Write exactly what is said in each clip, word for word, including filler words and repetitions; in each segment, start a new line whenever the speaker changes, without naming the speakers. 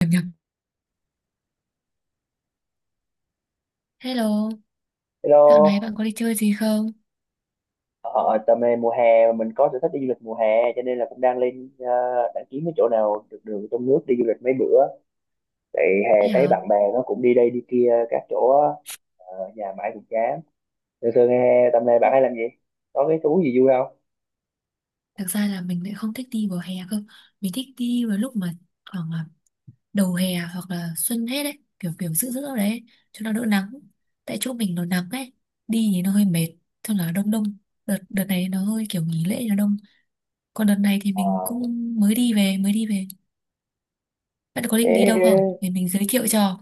Nhập nhập. Hello, dạo này
Hello.
bạn có đi chơi gì không?
ờ, Tầm này mùa hè mà mình có sở thích đi du lịch mùa hè cho nên là cũng đang lên, ờ, đang kiếm cái chỗ nào được đường trong nước đi du lịch mấy bữa. Tại hè
Thế
thấy
hả?
bạn bè nó cũng đi đây đi kia các chỗ á, ờ, nhà mãi cũng chán. Thường thường hè tầm này bạn
Thế-
hay làm gì? Có cái thú gì vui không?
Thực ra là mình lại không thích đi vào hè cơ. Mình thích đi vào lúc mà khoảng là đầu hè hoặc là xuân hết đấy. Kiểu kiểu giữa giữa đấy. Cho nó đỡ nắng. Tại chỗ mình nó nắng ấy. Đi thì nó hơi mệt. Cho là đông đông. Đợt, đợt này nó hơi kiểu nghỉ lễ nó đông. Còn đợt này thì
Ờ,
mình cũng mới đi về, mới đi về. Bạn có định đi đâu không?
Thế
Để mình giới thiệu cho.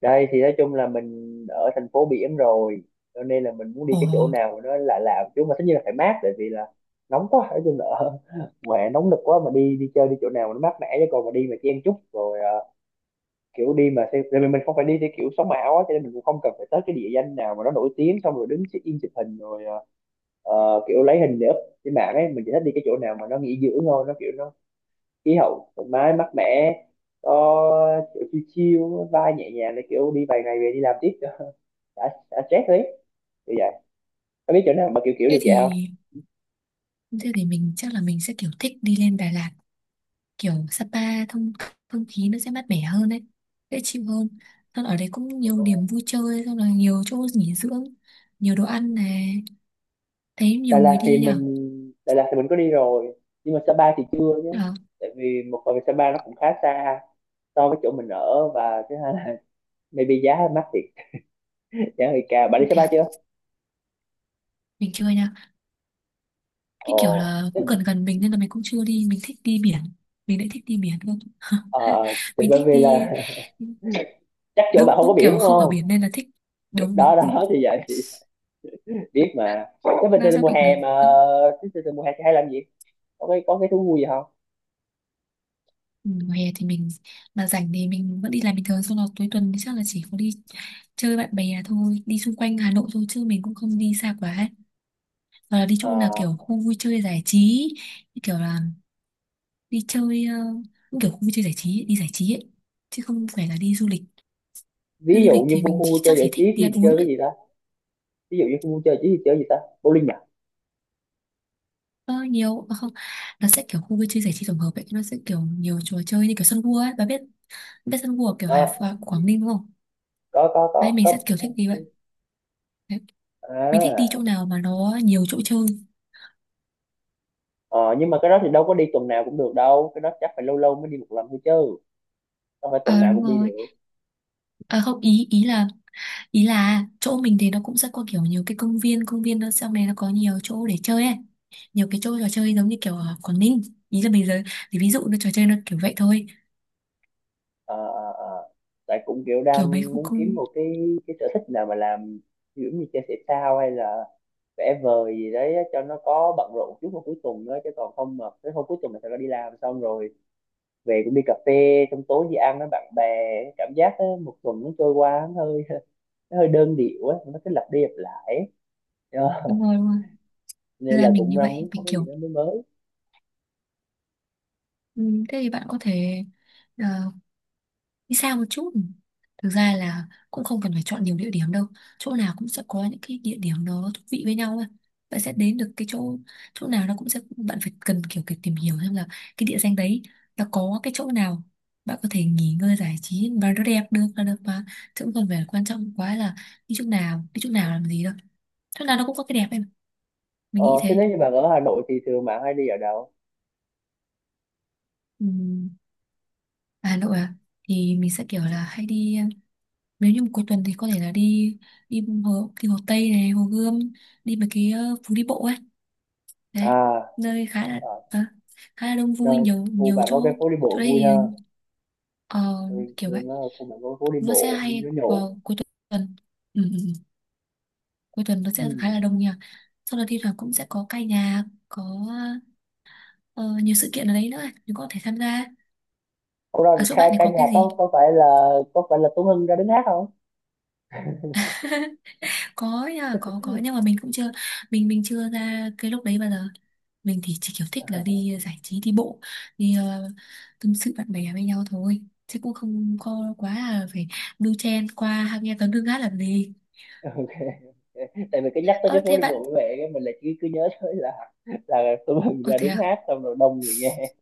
đây thì nói chung là mình ở thành phố biển rồi cho nên là mình muốn đi
Ồ,
cái chỗ nào mà nó lạ lạ một chút, mà tất nhiên là phải mát, tại vì là nóng quá, nói chung là ở mùa hè nóng nực quá mà đi đi chơi đi chỗ nào mà nó mát mẻ, chứ còn mà đi mà chen chúc rồi ờ, kiểu đi mà theo, tại vì mình không phải đi theo kiểu sống ảo á, cho nên mình cũng không cần phải tới cái địa danh nào mà nó nổi tiếng xong rồi đứng check in chụp hình rồi, ờ, ờ, kiểu lấy hình để up trên mạng ấy. Mình chỉ thích đi cái chỗ nào mà nó nghỉ dưỡng thôi, nó kiểu nó khí hậu thoải mái mát mẻ, có kiểu chill chill, vai nhẹ nhàng, để kiểu đi vài ngày về đi làm tiếp cho đã, đã stress đấy, kiểu vậy. Có biết chỗ nào mà kiểu kiểu
thế
được vậy không?
thì... Thế thì mình chắc là mình sẽ kiểu thích đi lên Đà Lạt, kiểu Sapa, thông không khí nó sẽ mát mẻ hơn đấy, dễ chịu hơn. Xong ở đấy cũng nhiều điểm vui chơi, xong là nhiều chỗ nghỉ dưỡng, nhiều đồ ăn này, thấy
Đà
nhiều người
Lạt thì
đi nhở.
mình Đà Lạt thì mình có đi rồi, nhưng mà Sapa thì chưa nhé,
À,
tại vì một phần Sapa nó cũng khá xa so với chỗ mình ở, và thứ hai là maybe giá mắc thiệt, giá hơi cao. Bạn đi
không
xe
thể
bay
à?
chưa?
Mình chưa nha, cái
Ồ
kiểu là cũng gần
tức,
gần mình nên là mình cũng chưa đi, mình thích đi biển, mình lại thích đi biển luôn.
ờ thì
Mình
bởi
thích
vì
đi,
là chắc chỗ bạn
đúng
không có
đúng,
biển
kiểu
đúng
không ở
không?
biển nên là thích. Đúng đúng
Đó
đúng,
đó thì vậy thì biết mà, cái bình
nó
thường
nó
mùa
bị
hè
ngược.
mà, cái bình thường mùa hè thì hay làm gì, có cái có cái thú vui gì không?
Ừ, mùa hè thì mình mà rảnh thì mình vẫn đi làm bình thường, xong là cuối tuần thì chắc là chỉ có đi chơi bạn bè thôi, đi xung quanh Hà Nội thôi chứ mình cũng không đi xa quá, hoặc là đi chỗ
Ờ,
nào kiểu khu vui chơi giải trí, như kiểu là đi chơi, ờ, cũng kiểu khu vui chơi giải trí ấy, đi giải trí ấy chứ không phải là đi du lịch. Đi
ví
du
dụ
lịch
như
thì
khu
mình
khu vui
chỉ,
chơi
chắc chỉ
giải
thích
trí
đi
thì
ăn uống
chơi
thôi.
cái gì ta, ví dụ như khu vui chơi giải trí thì chơi gì ta, bowling à?
ờ, Nhiều à, không, nó sẽ kiểu khu vui chơi giải trí tổng hợp ấy, nó sẽ kiểu nhiều trò chơi như kiểu sân vua ấy, bà biết, biết sân vua kiểu Hải
Ờ,
Phòng Quảng Ninh đúng không?
có có
Đấy
có
mình sẽ
có.
kiểu thích đi vậy, mình thích đi
à
chỗ nào mà nó nhiều chỗ chơi.
ờ, nhưng mà cái đó thì đâu có đi tuần nào cũng được đâu, cái đó chắc phải lâu lâu mới đi một lần thôi chứ không phải tuần
Ờ
nào
đúng
cũng đi
rồi,
được.
ờ không, ý ý là, ý là chỗ mình thì nó cũng sẽ có kiểu nhiều cái công viên công viên nó sau này nó có nhiều chỗ để chơi ấy, nhiều cái chỗ trò chơi giống như kiểu ở Quảng Ninh. Ý là bây giờ thì ví dụ nó trò chơi nó kiểu vậy thôi.
Ờ, ờ, ờ, tại cũng kiểu
Kiểu mấy
đang
khu
muốn kiếm
công,
một cái cái sở thích nào mà làm, kiểu như chơi thể thao hay là vẽ vời gì đấy á, cho nó có bận rộn chút vào cuối tuần nữa, chứ còn không mà tới hôm cuối tuần là sẽ đi làm xong rồi về cũng đi cà phê, xong tối đi ăn với bạn bè, cảm giác á, một tuần nó trôi qua nó hơi nó hơi đơn điệu á, nó cứ lặp đi lặp lại ấy. Ờ,
đúng rồi đúng rồi. Thế
nên là
là mình
cũng
như
đang
vậy
muốn có
mình
cái gì
kiểu,
đó mới mới.
ừ, thế thì bạn có thể, ờ, đi xa một chút, thực ra là cũng không cần phải chọn nhiều địa điểm đâu, chỗ nào cũng sẽ có những cái địa điểm nó thú vị với nhau ấy. Bạn sẽ đến được cái chỗ, chỗ nào nó cũng sẽ bạn phải cần kiểu kiểu tìm hiểu xem là cái địa danh đấy nó có cái chỗ nào bạn có thể nghỉ ngơi giải trí và nó đẹp được là được mà, chứ cũng không phải quan trọng quá là đi chỗ nào đi chỗ nào làm gì đâu, chỗ nào nó cũng có cái đẹp em, mình
ờ,
nghĩ
Thế
thế.
nếu như bạn ở Hà Nội thì thường bạn hay đi ở đâu?
Ừm, Hà Nội à, thì mình sẽ kiểu là hay đi, nếu như một cuối tuần thì có thể là đi, đi hồ đi hồ Tây này, hồ Gươm, đi mấy cái ờ, phố đi bộ ấy, đấy
À,
nơi khá là
à,
à, khá là đông vui,
rồi,
nhiều
khu
nhiều
bạn
chỗ.
có cái phố đi
Chỗ
bộ
đây
vui
thì,
ha,
ờ,
rồi,
kiểu
rồi
vậy,
nó ở khu bản có phố đi
nó sẽ
bộ mình
hay
nó nhậu.
vào cuối tuần. ừ, ừ, ừ. Cuối tuần nó
Ừ.
sẽ khá là đông nha, sau đó thi thoảng cũng sẽ có ca nhạc, có ờ, nhiều sự kiện ở đấy nữa ấy, mình có thể tham gia.
Ủa
Ở
rồi
chỗ
ca,
bạn này
ca
có
nhạc
cái gì?
có có phải là, có phải là Tuấn Hưng ra đứng hát không?
Có nha, có có nhưng mà mình cũng chưa, mình mình chưa ra cái lúc đấy bao giờ, mình thì chỉ kiểu thích là đi giải trí đi bộ, đi ờ, tâm sự bạn bè với nhau thôi, chứ cũng không có quá là phải đu chen qua nghe tấn đương hát làm gì.
Ok. Tại vì cái nhắc tới cái
Ơ
phố
thế
đi
bạn,
bộ với mẹ cái mình là cứ cứ nhớ tới là là Tuấn Hưng
ơ
ra
thế
đứng
à,
hát xong rồi đông người nghe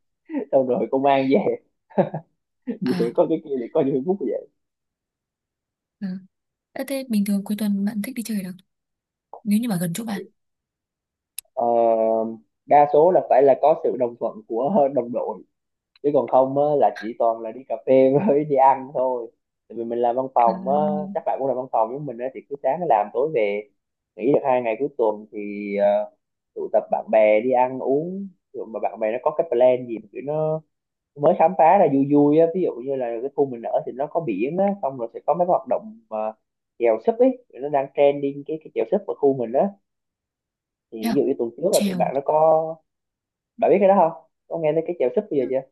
xong rồi công an về về
à,
có cái kia thì có Facebook vậy.
ừ. Ơ, thế bình thường cuối tuần bạn thích đi chơi ở đâu, nếu như mà gần chỗ bạn?
Ờ, đa số là phải là có sự đồng thuận của đồng đội, chứ còn không á, là chỉ toàn là đi cà phê với đi ăn thôi, tại vì mình làm văn
À,
phòng á, các bạn cũng làm văn phòng với mình á, thì cứ sáng làm tối về, nghỉ được hai ngày cuối tuần thì ờ, tụ tập bạn bè đi ăn uống rồi mà bạn bè nó có cái plan gì mà kiểu nó mới khám phá ra vui vui á, ví dụ như là cái khu mình ở thì nó có biển á, xong rồi sẽ có mấy cái hoạt động mà chèo súp ấy, nó đang trending cái cái chèo súp ở khu mình á. Thì
thế
ví
à?
dụ như tuần trước là tụi
Trèo,
bạn nó có, bạn biết cái đó không, có nghe tới cái chèo súp bây giờ chưa?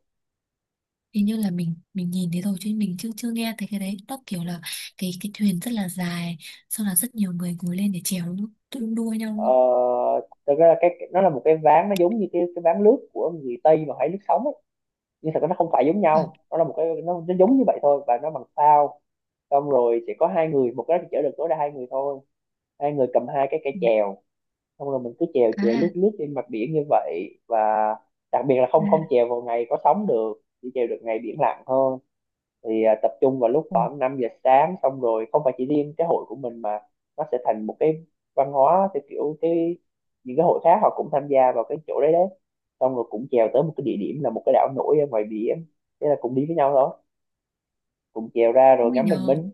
hình như là mình mình nhìn thấy rồi chứ mình chưa chưa nghe thấy, cái đấy nó kiểu là cái cái thuyền rất là dài, sau là rất nhiều người ngồi lên để chèo đúng không, tự đu đua nhau
Ờ,
đúng
thực ra là cái nó là một cái ván, nó giống như cái cái ván lướt của người Tây mà hay lướt sóng ấy, nhưng thật ra nó không phải giống
không?
nhau, nó là một cái nó, nó giống như vậy thôi và nó bằng phao, xong rồi chỉ có hai người một cái thì chở được tối đa hai người thôi, hai người cầm hai cái cây
À,
chèo, xong rồi mình cứ chèo chèo lướt
à,
lướt trên mặt biển như vậy. Và đặc biệt là không không
à.
chèo vào ngày có sóng được, chỉ chèo được ngày biển lặng thôi. Thì à, tập trung vào lúc
Ồ,
khoảng năm giờ sáng, xong rồi không phải chỉ riêng cái hội của mình mà nó sẽ thành một cái văn hóa, theo kiểu cái những cái hội khác họ cũng tham gia vào cái chỗ đấy đấy, xong rồi cũng chèo tới một cái địa điểm là một cái đảo nổi ở ngoài biển, thế là cũng đi với nhau đó, cũng chèo ra rồi
ui
ngắm bình
nhờ,
minh.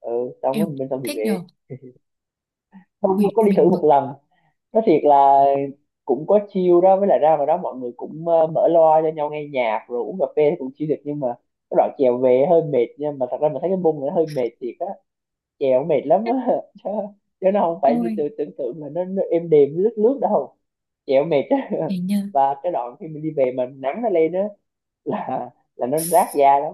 Ừ, xong rồi
yêu,
bình minh xong thì
thích
về.
nhờ,
Không
ui
có đi thử
mình
một
bực,
lần, nói thiệt là cũng có chill đó, với lại ra vào đó mọi người cũng ờ, mở loa cho nhau nghe nhạc rồi uống cà phê thì cũng chill được, nhưng mà cái đoạn chèo về hơi mệt nha, mà thật ra mình thấy cái bung này nó hơi mệt thiệt á, chèo mệt lắm á chứ, chứ nó không phải như
ôi,
từ tưởng tượng là nó, nó êm đềm lướt lướt đâu, chèo mệt á
hình như,
và cái đoạn khi mình đi về mà nắng nó lên á là là nó rát da lắm,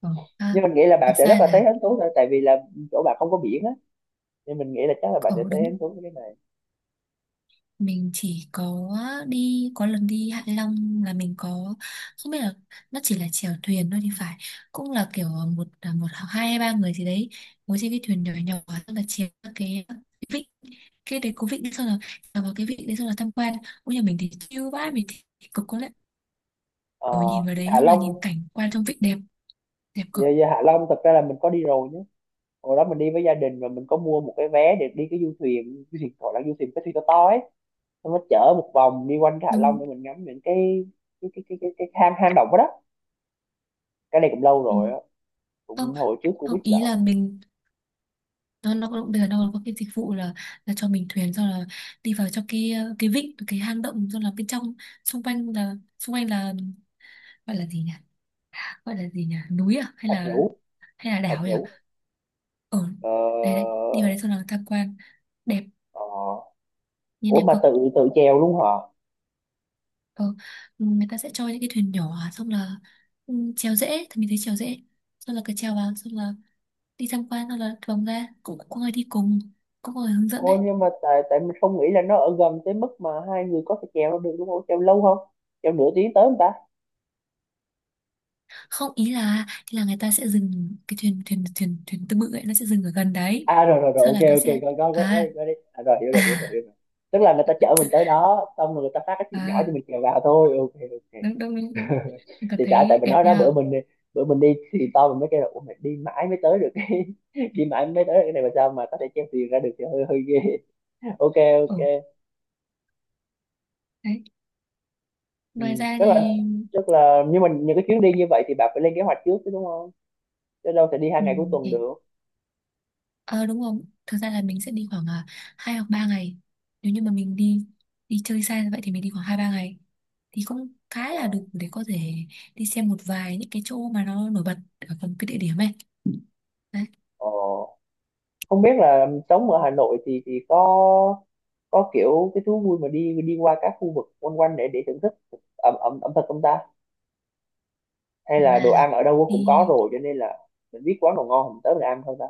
ờ, à,
nhưng mình nghĩ là bạn
thực
sẽ rất
ra
là thấy
là,
hứng thú thôi, tại vì là chỗ bạn không có biển á nên mình nghĩ là chắc là bạn
ồ
sẽ thấy
đúng,
hứng thú với cái này.
mình chỉ có đi có lần đi Hạ Long, là mình có, không biết là nó chỉ là chèo thuyền thôi thì phải, cũng là kiểu một à, một hoặc hai hay ba người gì đấy ngồi trên cái thuyền nhỏ nhỏ, xong là chèo các cái vịnh, cái đấy có vịnh đấy, xong là chèo vào cái vịnh đấy xong là tham quan, ôi nhà mình thì chill vãi, mình thì cực có lẽ
Ờ,
ở nhìn vào đấy
Hạ
hoặc là
Long.
nhìn cảnh quan trong vịnh đẹp, đẹp
Dạ,
cực.
dạ Hạ Long thật ra là mình có đi rồi nhé, hồi đó mình đi với gia đình và mình có mua một cái vé để đi cái du thuyền, du thuyền gọi là du thuyền cái thuyền to to ấy, xong nó chở một vòng đi quanh cái Hạ Long
Đúng,
để mình ngắm những cái cái cái cái cái, cái hang hang động đó, đó. Cái này cũng lâu rồi
đúng.
á,
Không,
cũng hồi trước Covid
không
là.
ý là mình, nó nó cũng bây giờ nó có cái dịch vụ là là cho mình thuyền, xong là đi vào trong cái ờ, cái vịnh, cái hang động, xong là bên trong, xung quanh là xung quanh là gọi là gì nhỉ, gọi là gì nhỉ núi à hay
Thạch
là,
Nhũ.
hay là
Thạch
đảo nhỉ,
Nhũ.
ở
Ờ,
đây, đây đi vào đấy xong là tham quan, đẹp,
ờ,
nhìn
ủa
đẹp
mà
cực.
tự tự chèo luôn hả?
Ờ, người ta sẽ cho những cái thuyền nhỏ xong là, ừ, chèo dễ thì mình thấy chèo dễ, xong là cứ chèo vào xong là đi tham quan xong là vòng ra, cũng có người đi cùng, cũng có người hướng dẫn đấy.
Ôi nhưng mà tại tại mình không nghĩ là nó ở gần tới mức mà hai người có thể chèo nó được đúng không, chèo lâu không, chèo nửa tiếng tới không ta?
Không ý là, ý là người ta sẽ dừng cái thuyền, thuyền thuyền thuyền tư bự ấy nó sẽ dừng ở gần đấy,
À rồi rồi rồi,
sau
ok,
là nó
ok,
sẽ,
có có có có đi,
à,
có đi, à, rồi hiểu rồi hiểu rồi hiểu
à,
rồi, tức là người ta chở mình tới đó xong rồi người ta phát cái chuyện nhỏ cho mình
à,
kèo vào thôi, ok ok.
đúng đúng đúng đúng, mình cảm
Thì tại tại
thấy
mình
đẹp
nói đó,
nha.
bữa mình đi, bữa mình đi thì to mình mới kêu là ủa mày đi mãi mới tới được cái đi mãi mới tới được cái này mà sao mà có thể chèo thuyền ra được thì hơi hơi ghê. Ok,
Ừ
ok.
đấy, ngoài
Ừ,
ra
tức là,
thì,
tức là nhưng mà những cái chuyến đi như vậy thì bạn phải lên kế hoạch trước chứ đúng không, chứ đâu thể đi hai
ừ,
ngày cuối tuần
thì
được.
ờ đúng không, thực ra là mình sẽ đi khoảng à, hai hoặc ba ngày, nếu như mà mình đi đi chơi xa như vậy thì mình đi khoảng hai ba ngày thì cũng khá là
Ờ.
đủ để có thể đi xem một vài những cái chỗ mà nó nổi bật ở cùng cái địa điểm ấy, đấy.
Ồ, không biết là sống ở Hà Nội thì thì có có kiểu cái thú vui mà đi đi qua các khu vực quanh quanh để để thưởng thức ẩm ẩm ẩm thực không ta, hay
Thực
là
ra
đồ ăn
là
ở đâu cũng có
đi,
rồi cho nên là mình biết quán nào ngon mình tới mình ăn thôi ta,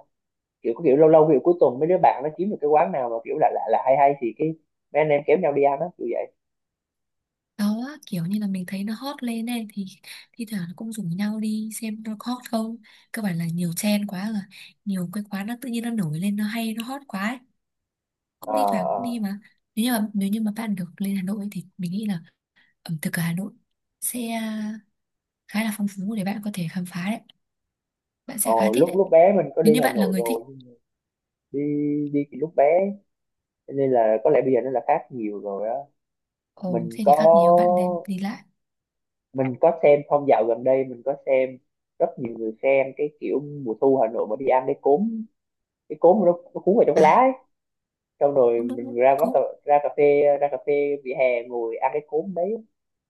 kiểu có kiểu lâu lâu kiểu cuối tuần mấy đứa bạn nó kiếm được cái quán nào mà kiểu lạ lạ là hay hay thì cái mấy anh em kéo nhau đi ăn á, kiểu vậy.
đó kiểu như là mình thấy nó hot lên ấy, thì thi thoảng nó cũng rủ nhau đi xem nó có hot không, cơ bản là nhiều trend quá rồi, nhiều cái quán nó tự nhiên nó nổi lên nó hay nó hot quá ấy.
À,
Cũng thi thoảng cũng đi
à.
mà, nếu như mà nếu như mà bạn được lên Hà Nội ấy, thì mình nghĩ là ẩm thực ở Hà Nội sẽ à, khá là phong phú để bạn có thể khám phá đấy, bạn sẽ khá
Ồ,
thích
lúc
đấy,
lúc bé mình có
nếu
đi
như
Hà
bạn là
Nội
người thích.
rồi, nhưng đi đi thì lúc bé cho nên là có lẽ bây giờ nó là khác nhiều rồi á.
Ồ
Mình
thế thì
có,
khác nhiều, bạn nên đi lại.
mình có xem phong dạo gần đây, mình có xem rất nhiều người xem cái kiểu mùa thu Hà Nội mà đi ăn cái cốm, cái cốm nó, nó cuốn vào trong cái lá
À
ấy, xong rồi
đúng đúng
mình
đúng
ra quán
cố,
cà, ra cà phê, ra cà phê vỉa hè ngồi ăn cái cốm đấy.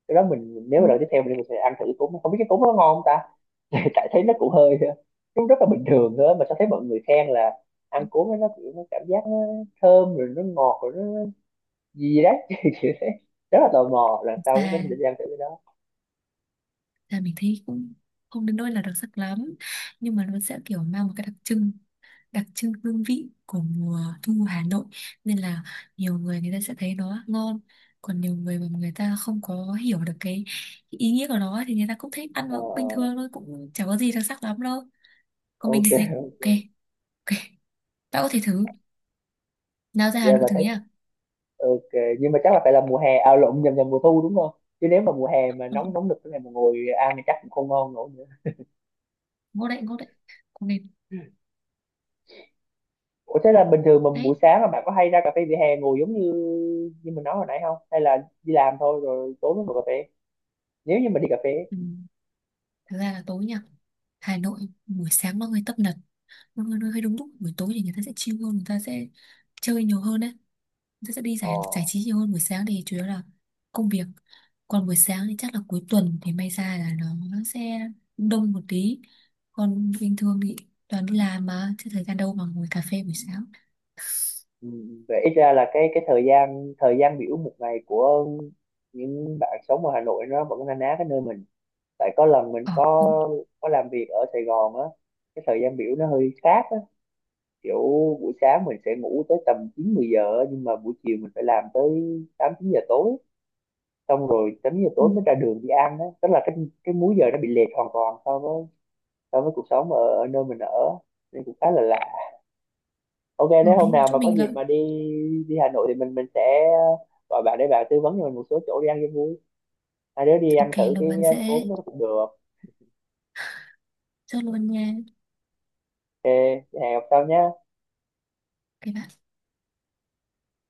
Cái đó mình nếu
ừ.
mà lần tiếp theo mình sẽ ăn thử cốm, không biết cái cốm nó ngon không ta, tại thấy nó cũng hơi cũng rất là bình thường thôi mà sao thấy mọi người khen là ăn cốm ấy nó kiểu nó cảm giác nó thơm rồi nó ngọt rồi nó gì đấy kiểu thế, rất là tò mò, lần sau nếu mình
Và
sẽ đi ăn thử cái đó.
là mình thấy cũng không đến nỗi là đặc sắc lắm, nhưng mà nó sẽ kiểu mang một cái đặc trưng, đặc trưng hương vị của mùa thu Hà Nội, nên là nhiều người người ta sẽ thấy nó ngon, còn nhiều người mà người ta không có hiểu được cái ý nghĩa của nó thì người ta cũng thấy ăn
Ờ,
nó cũng bình thường thôi, cũng chả có gì đặc sắc lắm đâu, còn
ờ,
mình
ok
thì thấy cũng ok. Ok, bạn có thể thử, nào ra
dạ
Hà Nội
và
thử nha.
ok. Nhưng mà chắc là phải là mùa hè à lộn nhầm nhầm mùa thu đúng không, chứ nếu mà mùa hè mà nóng nóng nực thế này mà ngồi ăn thì chắc cũng không ngon nổi nữa.
Ngon đấy, ngon đấy, cũng nên
Ủa thế là bình thường mà buổi
đấy.
sáng là bạn có hay ra cà phê vỉa hè ngồi giống như như mình nói hồi nãy không, hay là đi làm thôi rồi tối mới ngồi cà phê, nếu như mà đi cà phê ấy.
Ừ. Thực ra là tối nha, Hà Nội buổi sáng mọi người tấp nập, mọi người hơi đúng lúc, buổi tối thì người ta sẽ chill hơn, người ta sẽ chơi nhiều hơn đấy. Người ta sẽ đi
Ờ.
giải giải trí nhiều hơn, buổi sáng thì chủ yếu là công việc. Còn buổi sáng thì chắc là cuối tuần thì may ra là nó, nó sẽ đông một tí. Còn bình thường thì toàn đi làm mà, chứ thời gian đâu mà ngồi cà phê buổi sáng.
Ừ, vậy ít ra là cái cái thời gian thời gian biểu một ngày của những bạn sống ở Hà Nội nó vẫn na ná cái nơi mình. Tại có lần mình
Ờ
có
đúng.
có làm việc ở Sài Gòn á, cái thời gian biểu nó hơi khác á, kiểu buổi sáng mình sẽ ngủ tới tầm chín mười giờ á, nhưng mà buổi chiều mình phải làm tới tám chín giờ tối, xong rồi tám giờ
Ừ,
tối mới ra đường đi ăn đó, tức là cái cái múi giờ nó bị lệch hoàn toàn so với so với cuộc sống ở, ở nơi mình ở, nên cũng khá là lạ. Ok,
ừ
nếu
đúng
hôm
rồi.
nào
Chỗ
mà có
mình
dịp
là
mà đi đi Hà Nội thì mình mình sẽ gọi bạn để bạn tư vấn cho mình một số chỗ đi ăn cho vui, hai đứa đi ăn
ok
thử
là
cái
ăn
cốm
dễ.
nó cũng được.
Chốt luôn nha.
Ok, hẹn gặp sau nhé.
Các bạn.